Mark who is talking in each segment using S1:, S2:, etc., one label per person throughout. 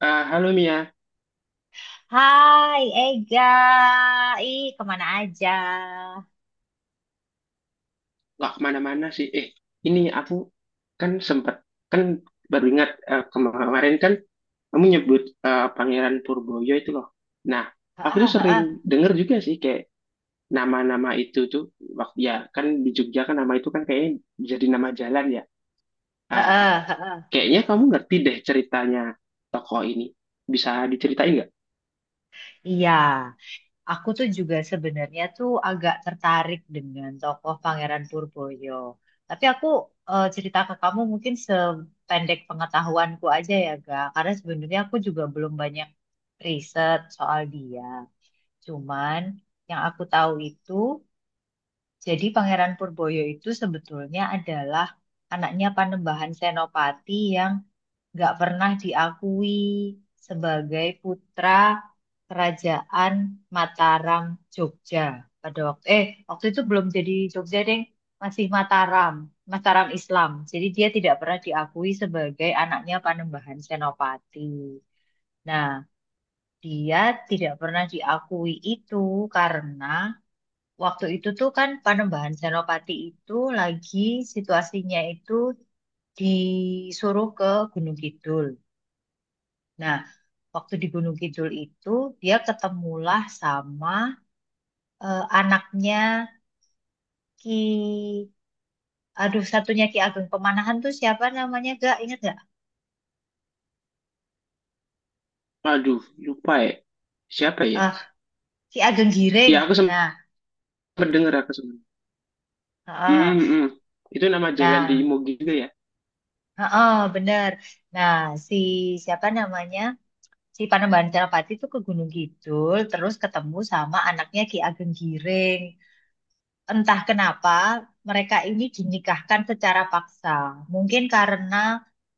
S1: Halo Mia,
S2: Hai Ega, ih kemana aja?
S1: nggak kemana-mana sih. Ini aku kan sempat kan baru ingat kemarin kan kamu nyebut Pangeran Purboyo itu loh. Nah, aku
S2: Heeh,
S1: tuh sering
S2: heeh,
S1: denger juga sih kayak nama-nama itu tuh waktu ya kan di Jogja kan nama itu kan kayaknya jadi nama jalan ya. Ah,
S2: heeh, heeh.
S1: kayaknya kamu ngerti deh ceritanya tokoh ini. Bisa diceritain nggak?
S2: Iya, aku tuh juga sebenarnya tuh agak tertarik dengan tokoh Pangeran Purboyo. Tapi aku cerita ke kamu mungkin sependek pengetahuanku aja ya, Ga. Karena sebenarnya aku juga belum banyak riset soal dia. Cuman yang aku tahu itu, jadi Pangeran Purboyo itu sebetulnya adalah anaknya Panembahan Senopati yang nggak pernah diakui sebagai putra Kerajaan Mataram Jogja pada waktu itu belum jadi Jogja deh, masih Mataram. Mataram Islam, jadi dia tidak pernah diakui sebagai anaknya Panembahan Senopati. Nah, dia tidak pernah diakui itu karena waktu itu tuh kan Panembahan Senopati itu lagi situasinya itu disuruh ke Gunung Kidul. Nah, waktu di Gunung Kidul itu dia ketemulah sama anaknya Ki Aduh, satunya Ki Ageng Pemanahan tuh siapa namanya? Gak inget gak?
S1: Aduh, lupa ya. Siapa ya?
S2: Eh, Ki Ageng
S1: Ya aku
S2: Giring.
S1: sempat
S2: Nah,
S1: denger, aku sempat.
S2: heeh.
S1: Hmm, hmm. Itu nama jalan di
S2: Nah,
S1: Imogi juga ya.
S2: heeh, bener. Nah, si siapa namanya? Si Panembahan Senapati itu ke Gunung Kidul terus ketemu sama anaknya Ki Ageng Giring. Entah kenapa mereka ini dinikahkan secara paksa. Mungkin karena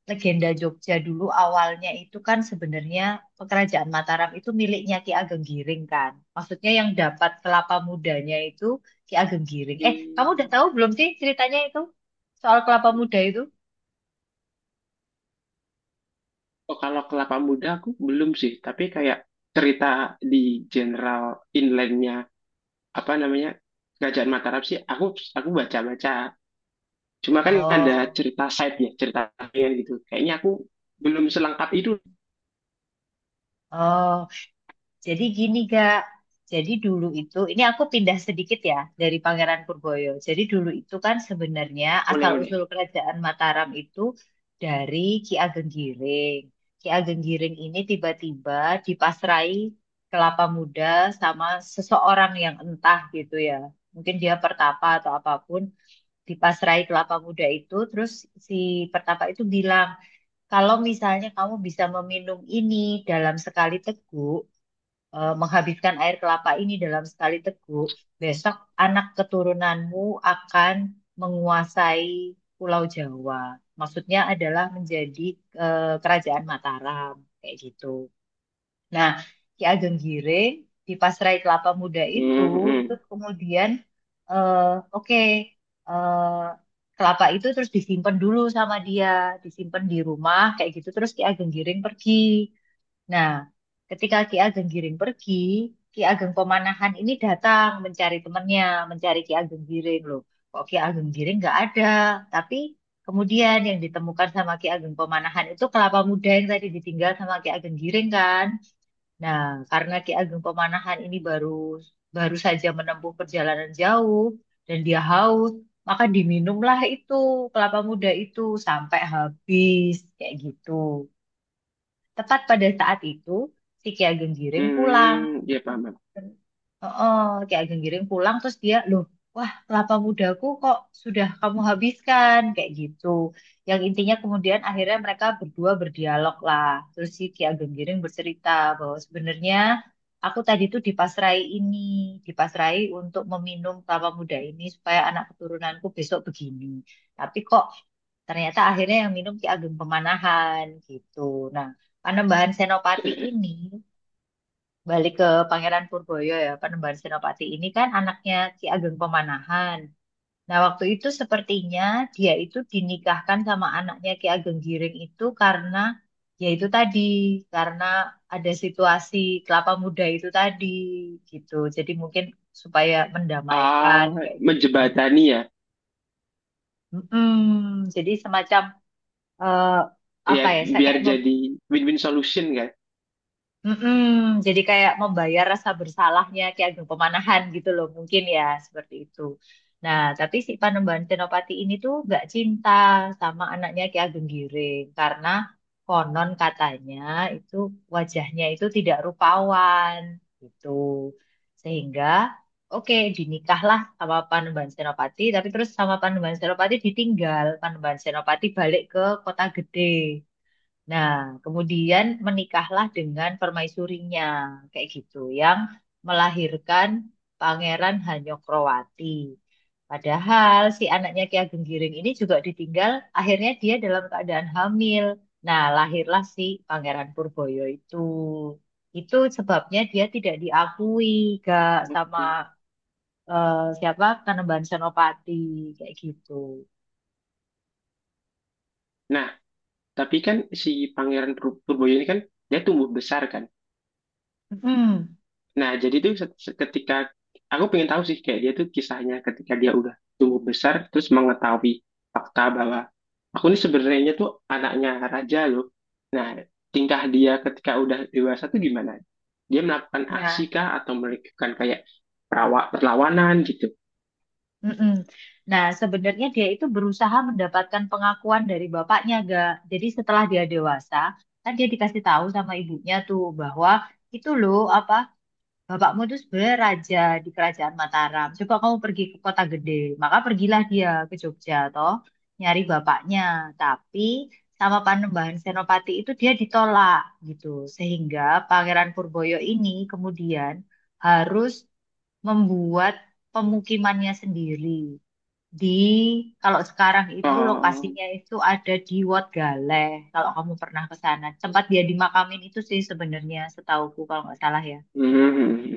S2: legenda Jogja dulu awalnya itu kan sebenarnya kerajaan Mataram itu miliknya Ki Ageng Giring kan. Maksudnya yang dapat kelapa mudanya itu Ki Ageng Giring. Kamu udah
S1: Hmm.
S2: tahu belum sih ceritanya itu soal kelapa muda itu?
S1: Oh, kalau kelapa muda aku belum sih, tapi kayak cerita di general inlandnya, apa namanya, Kerajaan Mataram sih, aku baca-baca. Cuma kan ada
S2: Oh,
S1: cerita side-nya, cerita sampingan gitu. Kayaknya aku belum selengkap itu.
S2: oh. Jadi gini Kak, jadi dulu itu, ini aku pindah sedikit ya dari Pangeran Purboyo. Jadi dulu itu kan sebenarnya
S1: Boleh boleh.
S2: asal-usul kerajaan Mataram itu dari Ki Ageng Giring. Ki Ageng Giring ini tiba-tiba dipasrai kelapa muda sama seseorang yang entah gitu ya. Mungkin dia pertapa atau apapun, dipasrai kelapa muda itu, terus si pertapa itu bilang, kalau misalnya kamu bisa meminum ini dalam sekali teguk, menghabiskan air kelapa ini dalam sekali teguk, besok anak keturunanmu akan menguasai Pulau Jawa. Maksudnya adalah menjadi kerajaan Mataram, kayak gitu. Nah, Ki Ageng Giring di Pasrai Kelapa Muda
S1: Hmm,
S2: itu
S1: hmm,
S2: kemudian, eh, oke, eh, kelapa itu terus disimpan dulu sama dia, disimpan di rumah, kayak gitu. Terus Ki Ageng Giring pergi. Nah, ketika Ki Ageng Giring pergi, Ki Ageng Pemanahan ini datang mencari temannya, mencari Ki Ageng Giring loh. Kok Ki Ageng Giring nggak ada? Tapi kemudian yang ditemukan sama Ki Ageng Pemanahan itu kelapa muda yang tadi ditinggal sama Ki Ageng Giring kan. Nah, karena Ki Ageng Pemanahan ini baru baru saja menempuh perjalanan jauh dan dia haus, maka diminumlah itu kelapa muda itu sampai habis kayak gitu. Tepat pada saat itu, si Ki Ageng Giring pulang.
S1: hmm, ya paham, paham.
S2: Oh, kayak Genggiring pulang terus dia loh, wah, kelapa mudaku kok sudah kamu habiskan kayak gitu, yang intinya kemudian akhirnya mereka berdua berdialog lah, terus si Ki Ageng Giring bercerita bahwa sebenarnya aku tadi tuh dipasrai ini, dipasrai untuk meminum kelapa muda ini supaya anak keturunanku besok begini, tapi kok ternyata akhirnya yang minum Ki Ageng Pemanahan gitu. Nah, Panembahan Senopati ini balik ke Pangeran Purboyo ya, Panembahan Senopati ini kan anaknya Ki Ageng Pemanahan. Nah, waktu itu sepertinya dia itu dinikahkan sama anaknya Ki Ageng Giring itu karena ya itu tadi, karena ada situasi kelapa muda itu tadi gitu. Jadi mungkin supaya mendamaikan
S1: Ah,
S2: kayak gitu.
S1: menjebatani ya,
S2: Mm-mm. Jadi semacam eh, apa
S1: ya
S2: ya? Saya kayak.
S1: biar jadi win-win solution kan.
S2: Mm-mm, jadi kayak membayar rasa bersalahnya Ki Ageng Pemanahan gitu loh, mungkin ya seperti itu. Nah, tapi si Panembahan Senopati ini tuh gak cinta sama anaknya Ki Ageng Giring karena konon katanya itu wajahnya itu tidak rupawan gitu. Sehingga oke, dinikahlah sama Panembahan Senopati, tapi terus sama Panembahan Senopati ditinggal. Panembahan Senopati balik ke kota gede. Nah, kemudian menikahlah dengan permaisurinya, kayak gitu, yang melahirkan Pangeran Hanyokroati. Padahal si anaknya Ki Ageng Giring ini juga ditinggal, akhirnya dia dalam keadaan hamil. Nah, lahirlah si Pangeran Purboyo itu. Itu sebabnya dia tidak diakui, gak sama
S1: Oke.
S2: siapa, Kanembahan Senopati, kayak gitu.
S1: Nah, tapi kan si Purboyo ini kan dia tumbuh besar kan.
S2: Mm.
S1: Nah, ketika aku pengen tahu sih kayak dia tuh kisahnya ketika dia udah tumbuh besar terus mengetahui fakta bahwa aku ini sebenarnya tuh anaknya raja loh. Nah, tingkah dia ketika udah dewasa tuh gimana? Dia melakukan
S2: Nah.
S1: aksi kah atau melakukan kayak perlawanan gitu?
S2: Mm-mm. Nah, sebenarnya dia itu berusaha mendapatkan pengakuan dari bapaknya, gak? Jadi setelah dia dewasa, kan dia dikasih tahu sama ibunya tuh bahwa itu loh apa, bapakmu tuh sebenarnya raja di kerajaan Mataram. Coba kamu pergi ke kota gede, maka pergilah dia ke Jogja toh, nyari bapaknya. Tapi sama Panembahan Senopati itu dia ditolak gitu, sehingga Pangeran Purboyo ini kemudian harus membuat pemukimannya sendiri di, kalau sekarang itu
S1: Oh,
S2: lokasinya itu ada di Wat Galeh. Kalau kamu pernah ke sana, tempat dia dimakamin itu sih sebenarnya setauku kalau nggak salah ya.
S1: hmm, hmm, hmm, hmm.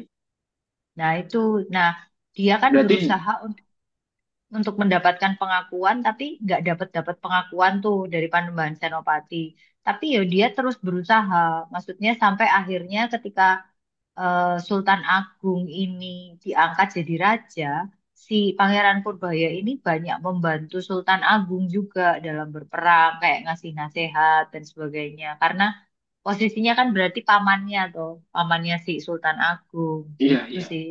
S2: Nah itu, nah, dia kan
S1: Berarti
S2: berusaha untuk mendapatkan pengakuan, tapi nggak dapat dapat pengakuan tuh dari Panembahan Senopati. Tapi ya dia terus berusaha, maksudnya sampai akhirnya ketika Sultan Agung ini diangkat jadi raja, si Pangeran Purbaya ini banyak membantu Sultan Agung juga dalam berperang, kayak ngasih nasihat dan sebagainya. Karena posisinya kan berarti pamannya tuh, pamannya si Sultan Agung
S1: iya,
S2: gitu
S1: iya.
S2: sih.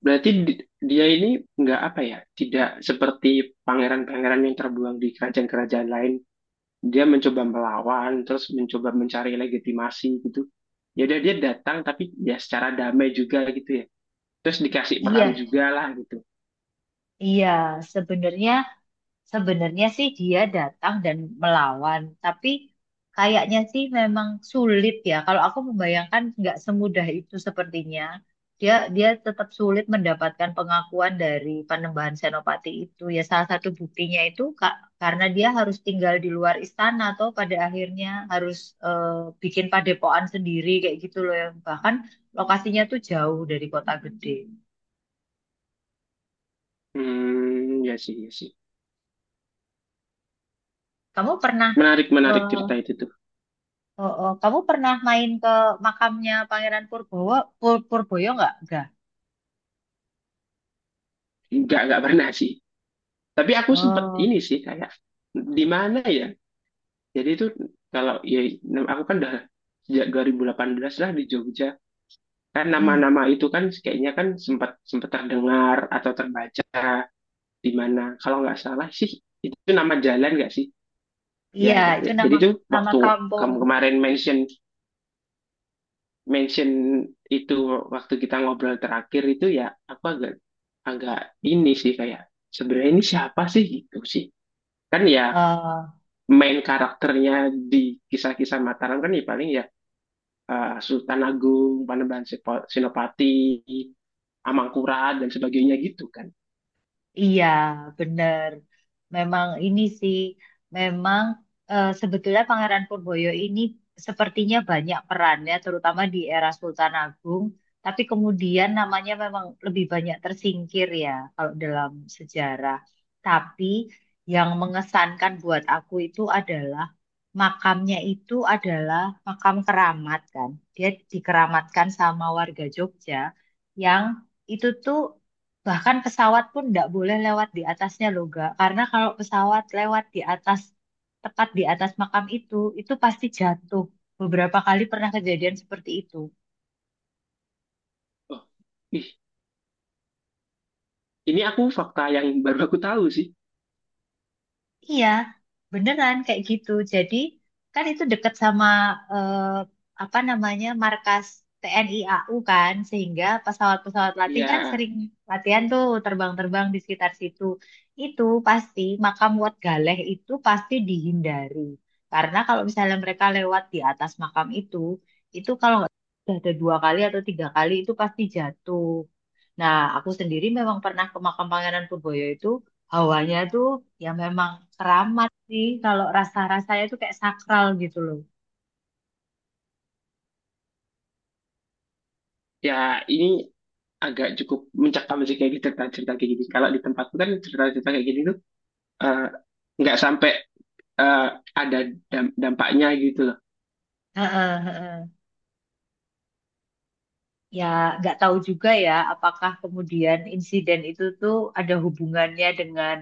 S1: Berarti dia ini nggak apa ya? Tidak seperti pangeran-pangeran yang terbuang di kerajaan-kerajaan lain, dia mencoba melawan terus mencoba mencari legitimasi gitu, ya udah dia datang tapi ya secara damai juga gitu ya, terus dikasih peran
S2: Iya,
S1: juga lah gitu.
S2: iya, sebenarnya Sebenarnya sih dia datang dan melawan, tapi kayaknya sih memang sulit ya. Kalau aku membayangkan nggak semudah itu sepertinya. Dia dia tetap sulit mendapatkan pengakuan dari Panembahan Senopati itu. Ya salah satu buktinya itu karena dia harus tinggal di luar istana atau pada akhirnya harus eh, bikin padepokan sendiri kayak gitu loh, yang bahkan lokasinya tuh jauh dari kota gede.
S1: Hmm, ya sih, ya sih,
S2: Kamu pernah
S1: menarik, menarik
S2: eh,
S1: cerita itu tuh.
S2: Oh, oh. Kamu pernah main ke makamnya Pangeran Purbowo, Purboyo nggak? Nggak.
S1: Nggak pernah sih, tapi aku sempet
S2: Oh,
S1: ini sih kayak, di mana ya, jadi itu kalau ya aku kan udah sejak 2018 lah di Jogja, kan
S2: mm-mm.
S1: nama-nama itu kan kayaknya kan sempat sempat terdengar atau terbaca di mana, kalau nggak salah sih itu nama jalan nggak sih. Ya,
S2: Iya, itu
S1: jadi
S2: nama,
S1: tuh waktu
S2: kampung.
S1: kamu kemarin mention mention itu waktu kita ngobrol terakhir itu ya, aku agak agak ini sih kayak sebenarnya ini siapa sih gitu sih. Kan ya
S2: eh,
S1: main karakternya di kisah-kisah Mataram kan ya paling ya Sultan Agung, Senopati, Amangkurat dan sebagainya gitu kan.
S2: Iya, benar. Memang ini sih, memang sebetulnya Pangeran Purboyo ini sepertinya banyak perannya, terutama di era Sultan Agung. Tapi kemudian namanya memang lebih banyak tersingkir ya, kalau dalam sejarah. Tapi yang mengesankan buat aku itu adalah makamnya itu adalah makam keramat kan. Dia dikeramatkan sama warga Jogja yang itu tuh, bahkan pesawat pun nggak boleh lewat di atasnya loh, Ga. Karena kalau pesawat lewat di atas, tepat di atas makam itu pasti jatuh. Beberapa kali pernah kejadian seperti itu.
S1: Oh, ih, ini aku fakta yang baru aku tahu sih.
S2: Iya, beneran kayak gitu. Jadi kan itu deket sama eh, apa namanya, markas TNI AU kan, sehingga pesawat-pesawat latih kan
S1: Ya,
S2: sering latihan tuh terbang-terbang di sekitar situ. Itu pasti makam Wat Galeh itu pasti dihindari. Karena kalau misalnya mereka lewat di atas makam itu kalau nggak salah ada 2 kali atau 3 kali itu pasti jatuh. Nah, aku sendiri memang pernah ke makam Pangeran Purboyo itu, hawanya tuh ya memang keramat sih. Kalau rasa-rasanya tuh kayak sakral gitu loh.
S1: ya ini agak cukup mencekam sih kayak gitu cerita-cerita kayak gini. Kalau di tempatku kan cerita-cerita kayak gini tuh eh, nggak sampai eh, ada dampaknya gitu loh.
S2: Heeh, heeh. Ya, nggak tahu juga ya apakah kemudian insiden itu tuh ada hubungannya dengan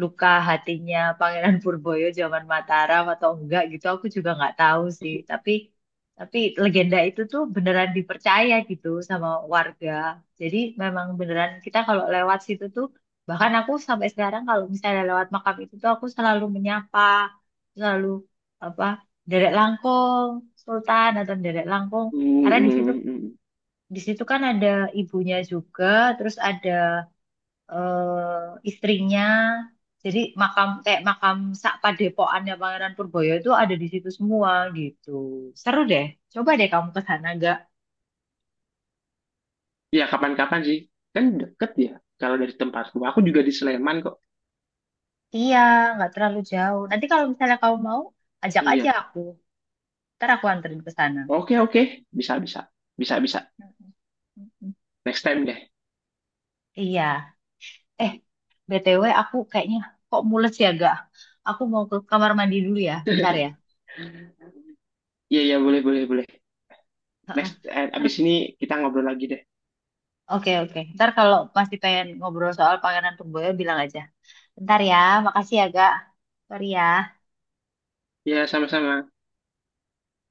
S2: luka hatinya Pangeran Purboyo zaman Mataram atau enggak gitu, aku juga nggak tahu sih, tapi legenda itu tuh beneran dipercaya gitu sama warga, jadi memang beneran kita kalau lewat situ tuh, bahkan aku sampai sekarang kalau misalnya lewat makam itu tuh aku selalu menyapa, selalu apa, Derek Langkong Sultan atau Derek Langkong,
S1: Hmm,
S2: karena di situ
S1: hmm, hmm.
S2: di situ kan ada ibunya juga, terus ada istrinya. Jadi makam kayak makam sak padepokannya Pangeran Purboyo itu ada di situ semua gitu. Seru deh. Coba deh kamu ke sana gak?
S1: Ya kapan-kapan sih, kan deket ya. Kalau dari tempatku, aku juga di Sleman kok.
S2: Iya, nggak terlalu jauh. Nanti kalau misalnya kamu mau, ajak aja
S1: Iya,
S2: aku. Ntar aku anterin ke sana.
S1: oke oke, bisa bisa, bisa bisa.
S2: Mm-mm. Mm-mm.
S1: Next time deh.
S2: Iya. Eh, BTW aku kayaknya kok mules ya gak? Aku mau ke kamar mandi dulu ya. Bentar ya.
S1: Iya iya, boleh boleh boleh.
S2: Heeh.
S1: Next, abis
S2: Ntar-
S1: ini kita ngobrol lagi deh.
S2: Oke, oke. Ntar kalau masih pengen ngobrol soal Pangeran Purboyo, bilang aja. Bentar ya, makasih ya, Kak. Sorry ya.
S1: Iya sama-sama.